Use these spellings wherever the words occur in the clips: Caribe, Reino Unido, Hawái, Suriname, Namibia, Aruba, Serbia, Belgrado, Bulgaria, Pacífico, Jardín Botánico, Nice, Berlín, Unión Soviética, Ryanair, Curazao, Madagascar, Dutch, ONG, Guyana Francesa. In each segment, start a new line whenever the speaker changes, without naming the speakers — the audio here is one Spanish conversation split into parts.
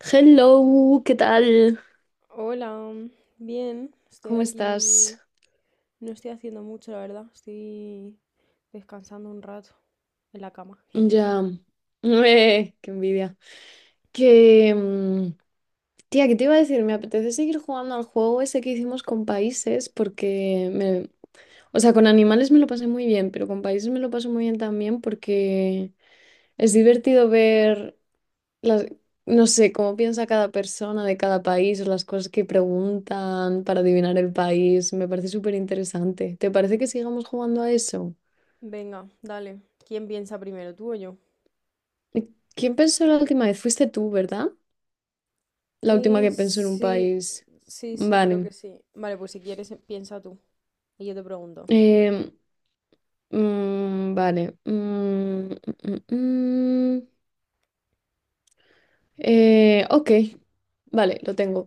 Hello, ¿qué tal?
Hola, mm, bien, estoy
¿Cómo estás?
aquí. No estoy haciendo mucho, la verdad. Estoy descansando un rato en la cama. Jejeje.
Ya. Qué envidia. Que, mm, Tía, ¿qué te iba a decir? Me apetece seguir jugando al juego ese que hicimos con países porque me... O sea, con animales me lo pasé muy bien, pero con países me lo paso muy bien también porque es divertido ver las... No sé, cómo piensa cada persona de cada país o las cosas que preguntan para adivinar el país. Me parece súper interesante. ¿Te parece que sigamos jugando a eso?
Venga, dale. ¿Quién piensa primero, tú o yo?
¿Quién pensó la última vez? Fuiste tú, ¿verdad? La última
Eh,
que pensó en un
sí,
país.
sí, sí, creo
Vale.
que sí. Vale, pues si quieres, piensa tú. Y yo te pregunto.
Em, vale. Mm. Ok. Vale, lo tengo.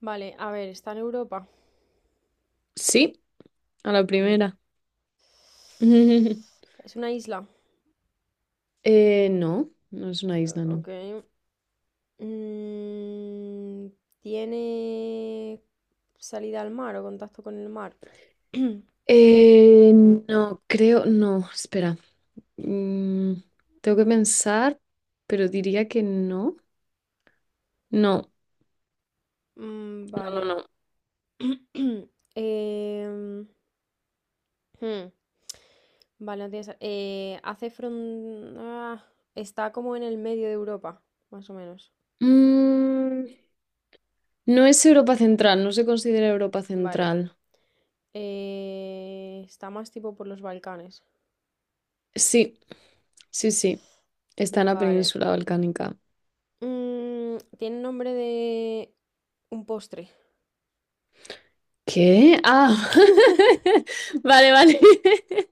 Vale, a ver, ¿está en Europa?
Sí, a la
Ah, mira.
primera.
Es una isla.
No, no es una isla, no.
Ok. Mm, ¿Tiene salida al mar o contacto con el mar?
No, creo, no, espera. Mm, Tengo que pensar, pero diría que no. No,
Mm,
no, no,
vale.
no.
Em, hmm. Vale, no tiene sa- hace fron- ah, está como en el medio de Europa, más o menos.
Mm, No es Europa Central, no se considera Europa
Vale.
Central.
Está más tipo por los Balcanes.
Sí, sí, sí. Está en la
Vale.
península balcánica.
Tiene nombre de un postre.
¿Qué? Ah, vale, vale.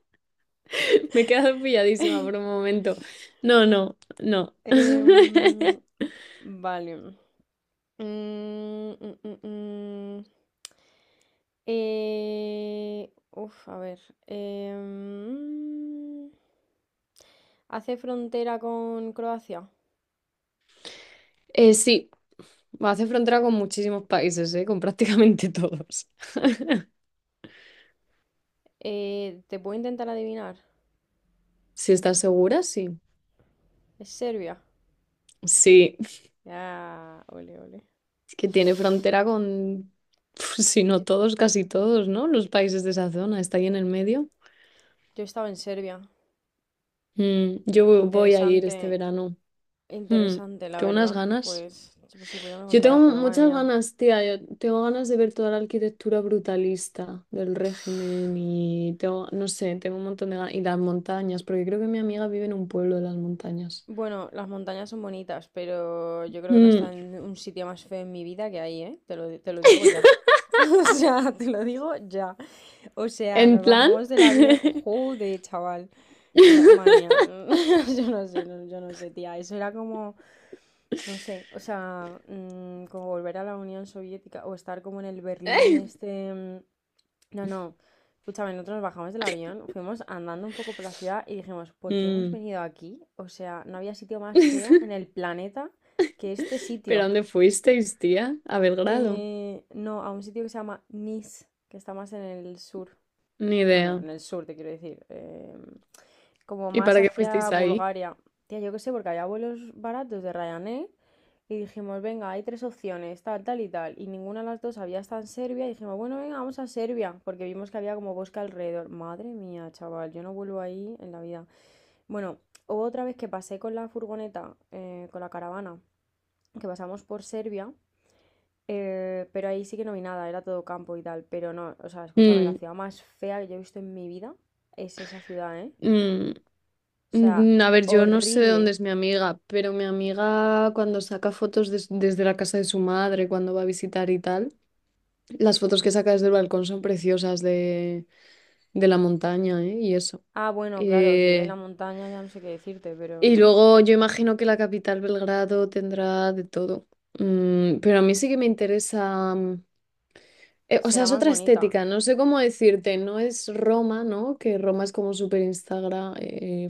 Me he quedado pilladísima por un momento. No, no, no.
Em, vale. Mm, mm, mm, mm. A ver. Em, ¿Hace frontera con Croacia?
Sí, hace frontera con muchísimos países, ¿eh? Con prácticamente todos.
¿Te puedo intentar adivinar?
Si estás segura, sí.
¿Es Serbia?
Sí, es
Ah, ole, ole.
que tiene frontera con, si
Yo,
no todos, casi todos, ¿no? Los países de esa zona, está ahí en el medio.
yo estaba en Serbia.
Mm, yo voy a ir este
Interesante,
verano. Mm,
interesante, la
Tengo unas
verdad.
ganas.
Pues, pues sí, pues ya me
Yo tengo
contarás, porque madre
muchas
mía.
ganas, tía. Yo tengo ganas de ver toda la arquitectura brutalista del régimen y tengo, no sé, tengo un montón de ganas. Y las montañas, porque creo que mi amiga vive en un pueblo de las montañas.
Bueno, las montañas son bonitas, pero yo creo que no está
Mm,
en un sitio más feo en mi vida que ahí, ¿eh? Te lo digo ya. O sea, te lo digo ya. O sea,
¿En
nos
plan?
bajamos del avión. Joder, chaval. Madre mía, yo no sé, tía. Eso era como, no sé, o sea, como volver a la Unión Soviética o estar como en el Berlín este. mm, no, no. Escúchame, nosotros nos bajamos del avión, fuimos andando un poco por la ciudad y dijimos, ¿por qué hemos
Mm.
venido aquí? O sea, no había sitio más feo en el planeta que este
¿Pero a
sitio.
dónde fuisteis, tía? A Belgrado.
No, a un sitio que se llama Nice, que está más en el sur.
Ni
Bueno,
idea.
en el sur te quiero decir. Como
¿Y
más
para qué
hacia
fuisteis ahí?
Bulgaria. Tía, yo qué sé, porque había vuelos baratos de Ryanair. Y dijimos, venga, hay tres opciones, tal, tal y tal. Y ninguna de las dos había estado en Serbia. Y dijimos, bueno, venga, vamos a Serbia. Porque vimos que había como bosque alrededor. Madre mía, chaval, yo no vuelvo ahí en la vida. Bueno, hubo otra vez que pasé con la furgoneta, con la caravana, que pasamos por Serbia. Pero ahí sí que no vi nada, era todo campo y tal. Pero no, o sea, escúchame, la
Mm,
ciudad más fea que yo he visto en mi vida es esa ciudad, ¿eh?
mm.
O sea,
A ver, yo no sé de
horrible.
dónde es mi amiga, pero mi amiga cuando saca fotos desde la casa de su madre, cuando va a visitar y tal, las fotos que saca desde el balcón son preciosas de la montaña, ¿eh? Y eso.
Ah, bueno, claro, si vive en la
Eh,
montaña ya no sé qué decirte,
y
pero
luego yo imagino que la capital Belgrado tendrá de todo. Mm, pero a mí sí que me interesa... o sea,
será
es
más
otra
bonita.
estética, no sé cómo decirte, no es Roma, ¿no? Que Roma es como súper Instagram,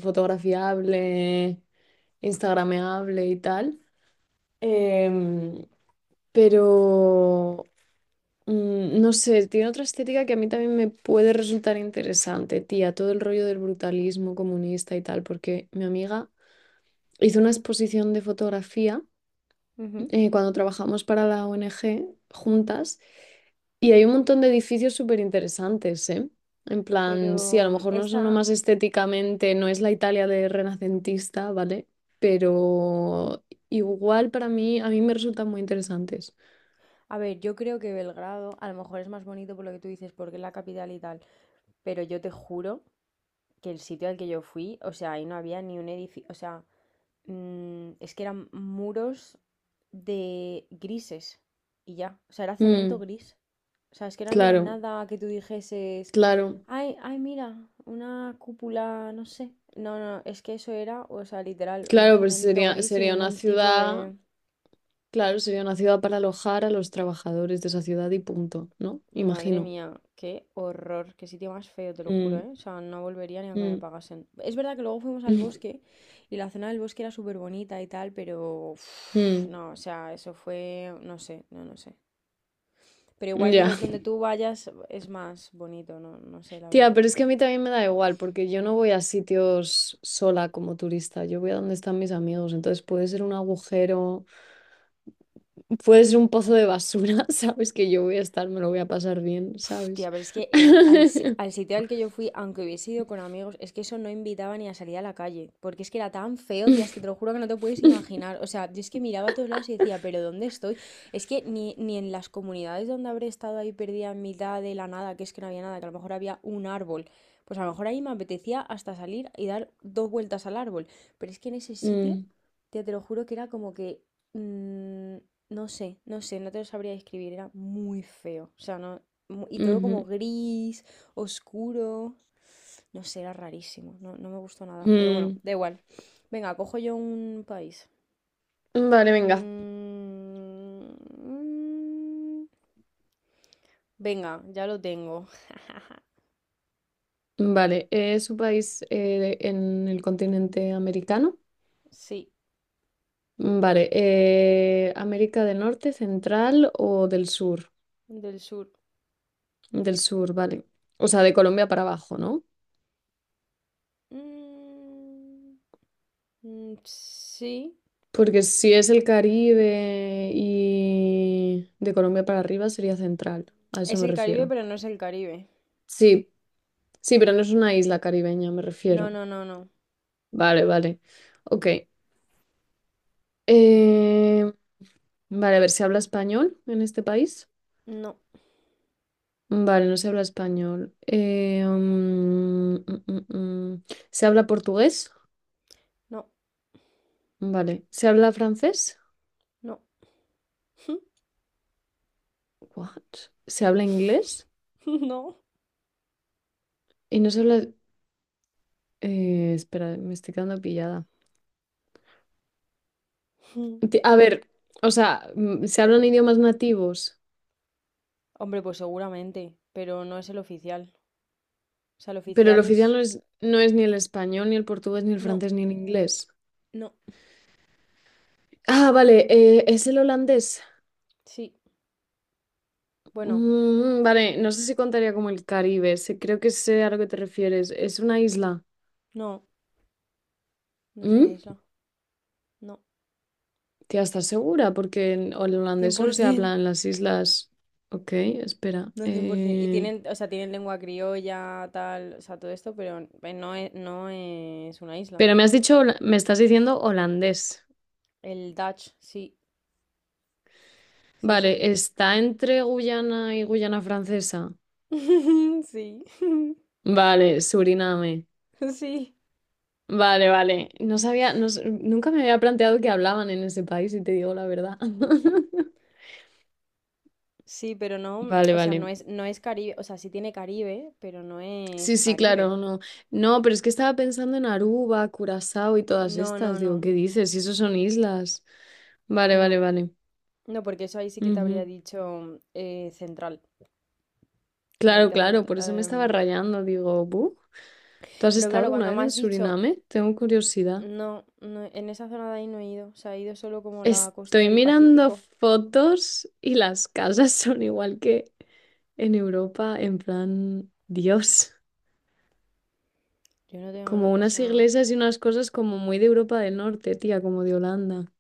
fotografiable, instagrameable y tal. Em, pero no sé, tiene otra estética que a mí también me puede resultar interesante, tía, todo el rollo del brutalismo comunista y tal, porque mi amiga hizo una exposición de fotografía
Ujú.
cuando trabajamos para la ONG juntas y hay un montón de edificios súper interesantes, ¿eh? En plan, sí, a lo
Pero
mejor no son lo más estéticamente, no es la Italia de renacentista, ¿vale? Pero igual para mí, a mí me resultan muy interesantes.
a ver, yo creo que Belgrado a lo mejor es más bonito por lo que tú dices, porque es la capital y tal. Pero yo te juro que el sitio al que yo fui, o sea, ahí no había ni un edificio, o sea, es que eran muros de grises y ya, o sea, era cemento
Mm.
gris. O sea, es que no había
Claro,
nada que tú dijeses,
claro,
ay, ay, mira, una cúpula, no sé. No, no, es que eso era, o sea, literal, un
claro, pues
cemento
sería,
gris sin
sería una
ningún tipo
ciudad,
de...
claro, sería una ciudad para alojar a los trabajadores de esa ciudad y punto, ¿no?
Madre
Imagino.
mía, qué horror, qué sitio más feo, te lo juro,
Mm,
¿eh? O sea, no volvería ni aunque me
mm,
pagasen. Es verdad que luego fuimos al bosque y la zona del bosque era súper bonita y tal, pero uf,
mm,
no, o sea, eso fue, no sé, no, no sé. Pero igual
ya.
donde tú vayas es más bonito, no, no sé, la
Tía,
verdad.
pero es que a mí también me da igual, porque yo no voy a sitios sola como turista, yo voy a donde están mis amigos, entonces puede ser un agujero, puede ser un pozo de basura, ¿sabes? Que yo voy a estar, me lo voy a pasar bien,
Pf, tía,
¿sabes?
pero es que el- al, si- al sitio al que yo fui, aunque hubiese ido con amigos, es que eso no invitaba ni a salir a la calle, porque es que era tan feo, tía, es que te lo juro que no te puedes imaginar. O sea, yo es que miraba a todos lados y decía, pero ¿dónde estoy? Es que ni en las comunidades donde habré estado ahí perdida en mitad de la nada, que es que no había nada, que a lo mejor había un árbol, pues a lo mejor ahí me apetecía hasta salir y dar dos vueltas al árbol, pero es que en ese sitio,
Mm,
tía, te lo juro que era como que... mm, no sé, no sé, no te lo sabría describir, era muy feo. O sea, no, y todo como
ujú,
gris, oscuro. No sé, era rarísimo, no, no me gustó nada. Pero bueno,
mm.
da igual. Venga, cojo yo un país.
Vale, venga.
Mm, Venga, ya lo tengo.
Vale, ¿es un país en el continente americano?
Sí,
Vale, ¿América del Norte, Central o del Sur?
del sur.
Del Sur, vale. O sea, de Colombia para abajo, ¿no?
Mm, Sí.
Porque si es el Caribe y de Colombia para arriba sería Central, a eso
Es
me
el Caribe,
refiero.
pero no es el Caribe.
Sí, sí, pero no es una isla caribeña, me
No,
refiero.
no, no, no.
Vale, vale. Ok. Eh, vale, a ver, ¿se habla español en este país?
No,
Vale, no se habla español. Mm. ¿Se habla portugués?
no,
Vale. ¿Se habla francés?
no.
What? ¿Se habla inglés?
No.
Y no se habla... espera, me estoy quedando pillada. A ver, o sea, se hablan idiomas nativos,
Hombre, pues seguramente, pero no es el oficial. O sea, el
pero el
oficial
oficial
es...
no es, no es ni el español, ni el portugués, ni el
No,
francés, ni el inglés.
no,
Ah, vale, es el holandés.
sí. Bueno,
Mm, vale, no sé si contaría como el Caribe. Creo que sé a lo que te refieres. Es una isla.
no, no es una
¿Mm?
isla. No,
Tía, ¿estás segura? Porque en el holandés solo se
100%.
habla en las islas. Ok, espera.
No, 100%. Y tienen, o sea, tienen lengua criolla, tal, o sea, todo esto, pero no es, no es una isla.
Pero me has dicho, me estás diciendo holandés.
El Dutch, sí, sí,
Vale,
sí.
está entre Guyana y Guyana Francesa.
Sí,
Vale, Suriname.
sí,
Vale, vale. No sabía, nunca me había planteado que hablaban en ese país, si te digo la verdad.
sí, pero no,
Vale,
o sea, no
vale.
es, no es Caribe, o sea, sí tiene Caribe, pero no es
Sí, sí,
Caribe.
claro, no. No, pero es que estaba pensando en Aruba, Curazao y todas
No, no,
estas. Digo,
no,
¿qué dices? Si esos son islas. Vale, vale,
no,
vale.
no, porque eso ahí sí que te habría
Ujú.
dicho central.
Claro,
América
claro,
Central.
por eso me estaba rayando. Digo, "Bu, ¿tú has
Pero
estado
claro,
alguna
cuando
vez
me
en
has dicho,
Suriname? Tengo curiosidad.
no, no, en esa zona de ahí no he ido. O sea, he ido solo como la costa
Estoy
del
mirando
Pacífico.
fotos y las casas son igual que en Europa, en plan, Dios,
Yo no tengo,
como
o
unas
sea,
iglesias y unas cosas como muy de Europa del Norte, tía, como de Holanda.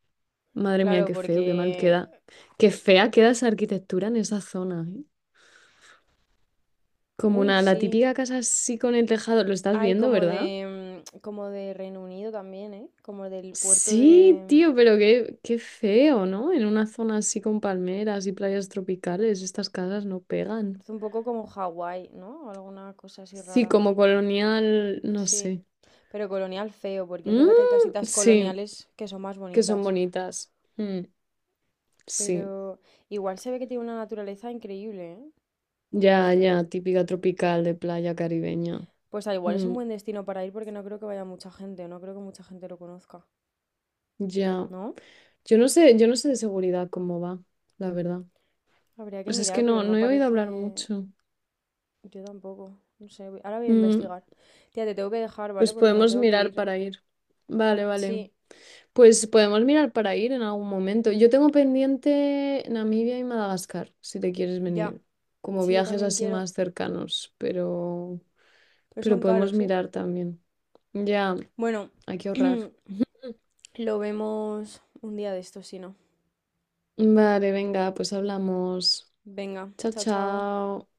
Madre mía,
claro,
qué feo, qué mal
porque,
queda. Qué fea queda esa arquitectura en esa zona, ¿eh? Como
uy,
una, la
sí.
típica casa así con el tejado, lo estás
Hay
viendo,
como
¿verdad?
de, como de Reino Unido también, ¿eh? Como del puerto
Sí,
de,
tío, pero qué, qué feo, ¿no? En una zona así con palmeras y playas tropicales, estas casas no pegan.
es un poco como Hawái, ¿no? Alguna cosa así
Sí,
rara.
como colonial, no
Sí,
sé.
pero colonial feo, porque es
Mm,
verdad que hay casitas
sí,
coloniales que son más
que son
bonitas.
bonitas.
Pero
Sí,
igual se ve que tiene una naturaleza increíble, ¿eh?
ya,
Esto.
ya, típica tropical de playa caribeña.
Pues al igual es un
Mm,
buen destino para ir porque no creo que vaya mucha gente, no creo que mucha gente lo conozca,
ya.
¿no?
Yo no sé de seguridad cómo va, la verdad.
Habría que
Pues es que
mirar, pero
no,
no
no he oído hablar
parece...
mucho.
Yo tampoco, no sé, ahora voy a
Mm,
investigar. Tía, te tengo que dejar, ¿vale?
pues
Porque me
podemos
tengo que
mirar
ir.
para ir. Vale, vale.
Sí,
Pues podemos mirar para ir en algún momento. Yo tengo pendiente Namibia y Madagascar, si te quieres
ya.
venir, como
Sí, yo
viajes
también
así
quiero,
más cercanos,
pero
pero
son
podemos
caros, ¿eh?
mirar también. Ya,
Bueno,
hay que ahorrar.
lo vemos un día de estos, si no.
Vale, venga, pues hablamos.
Venga,
Chao,
chao, chao.
chao.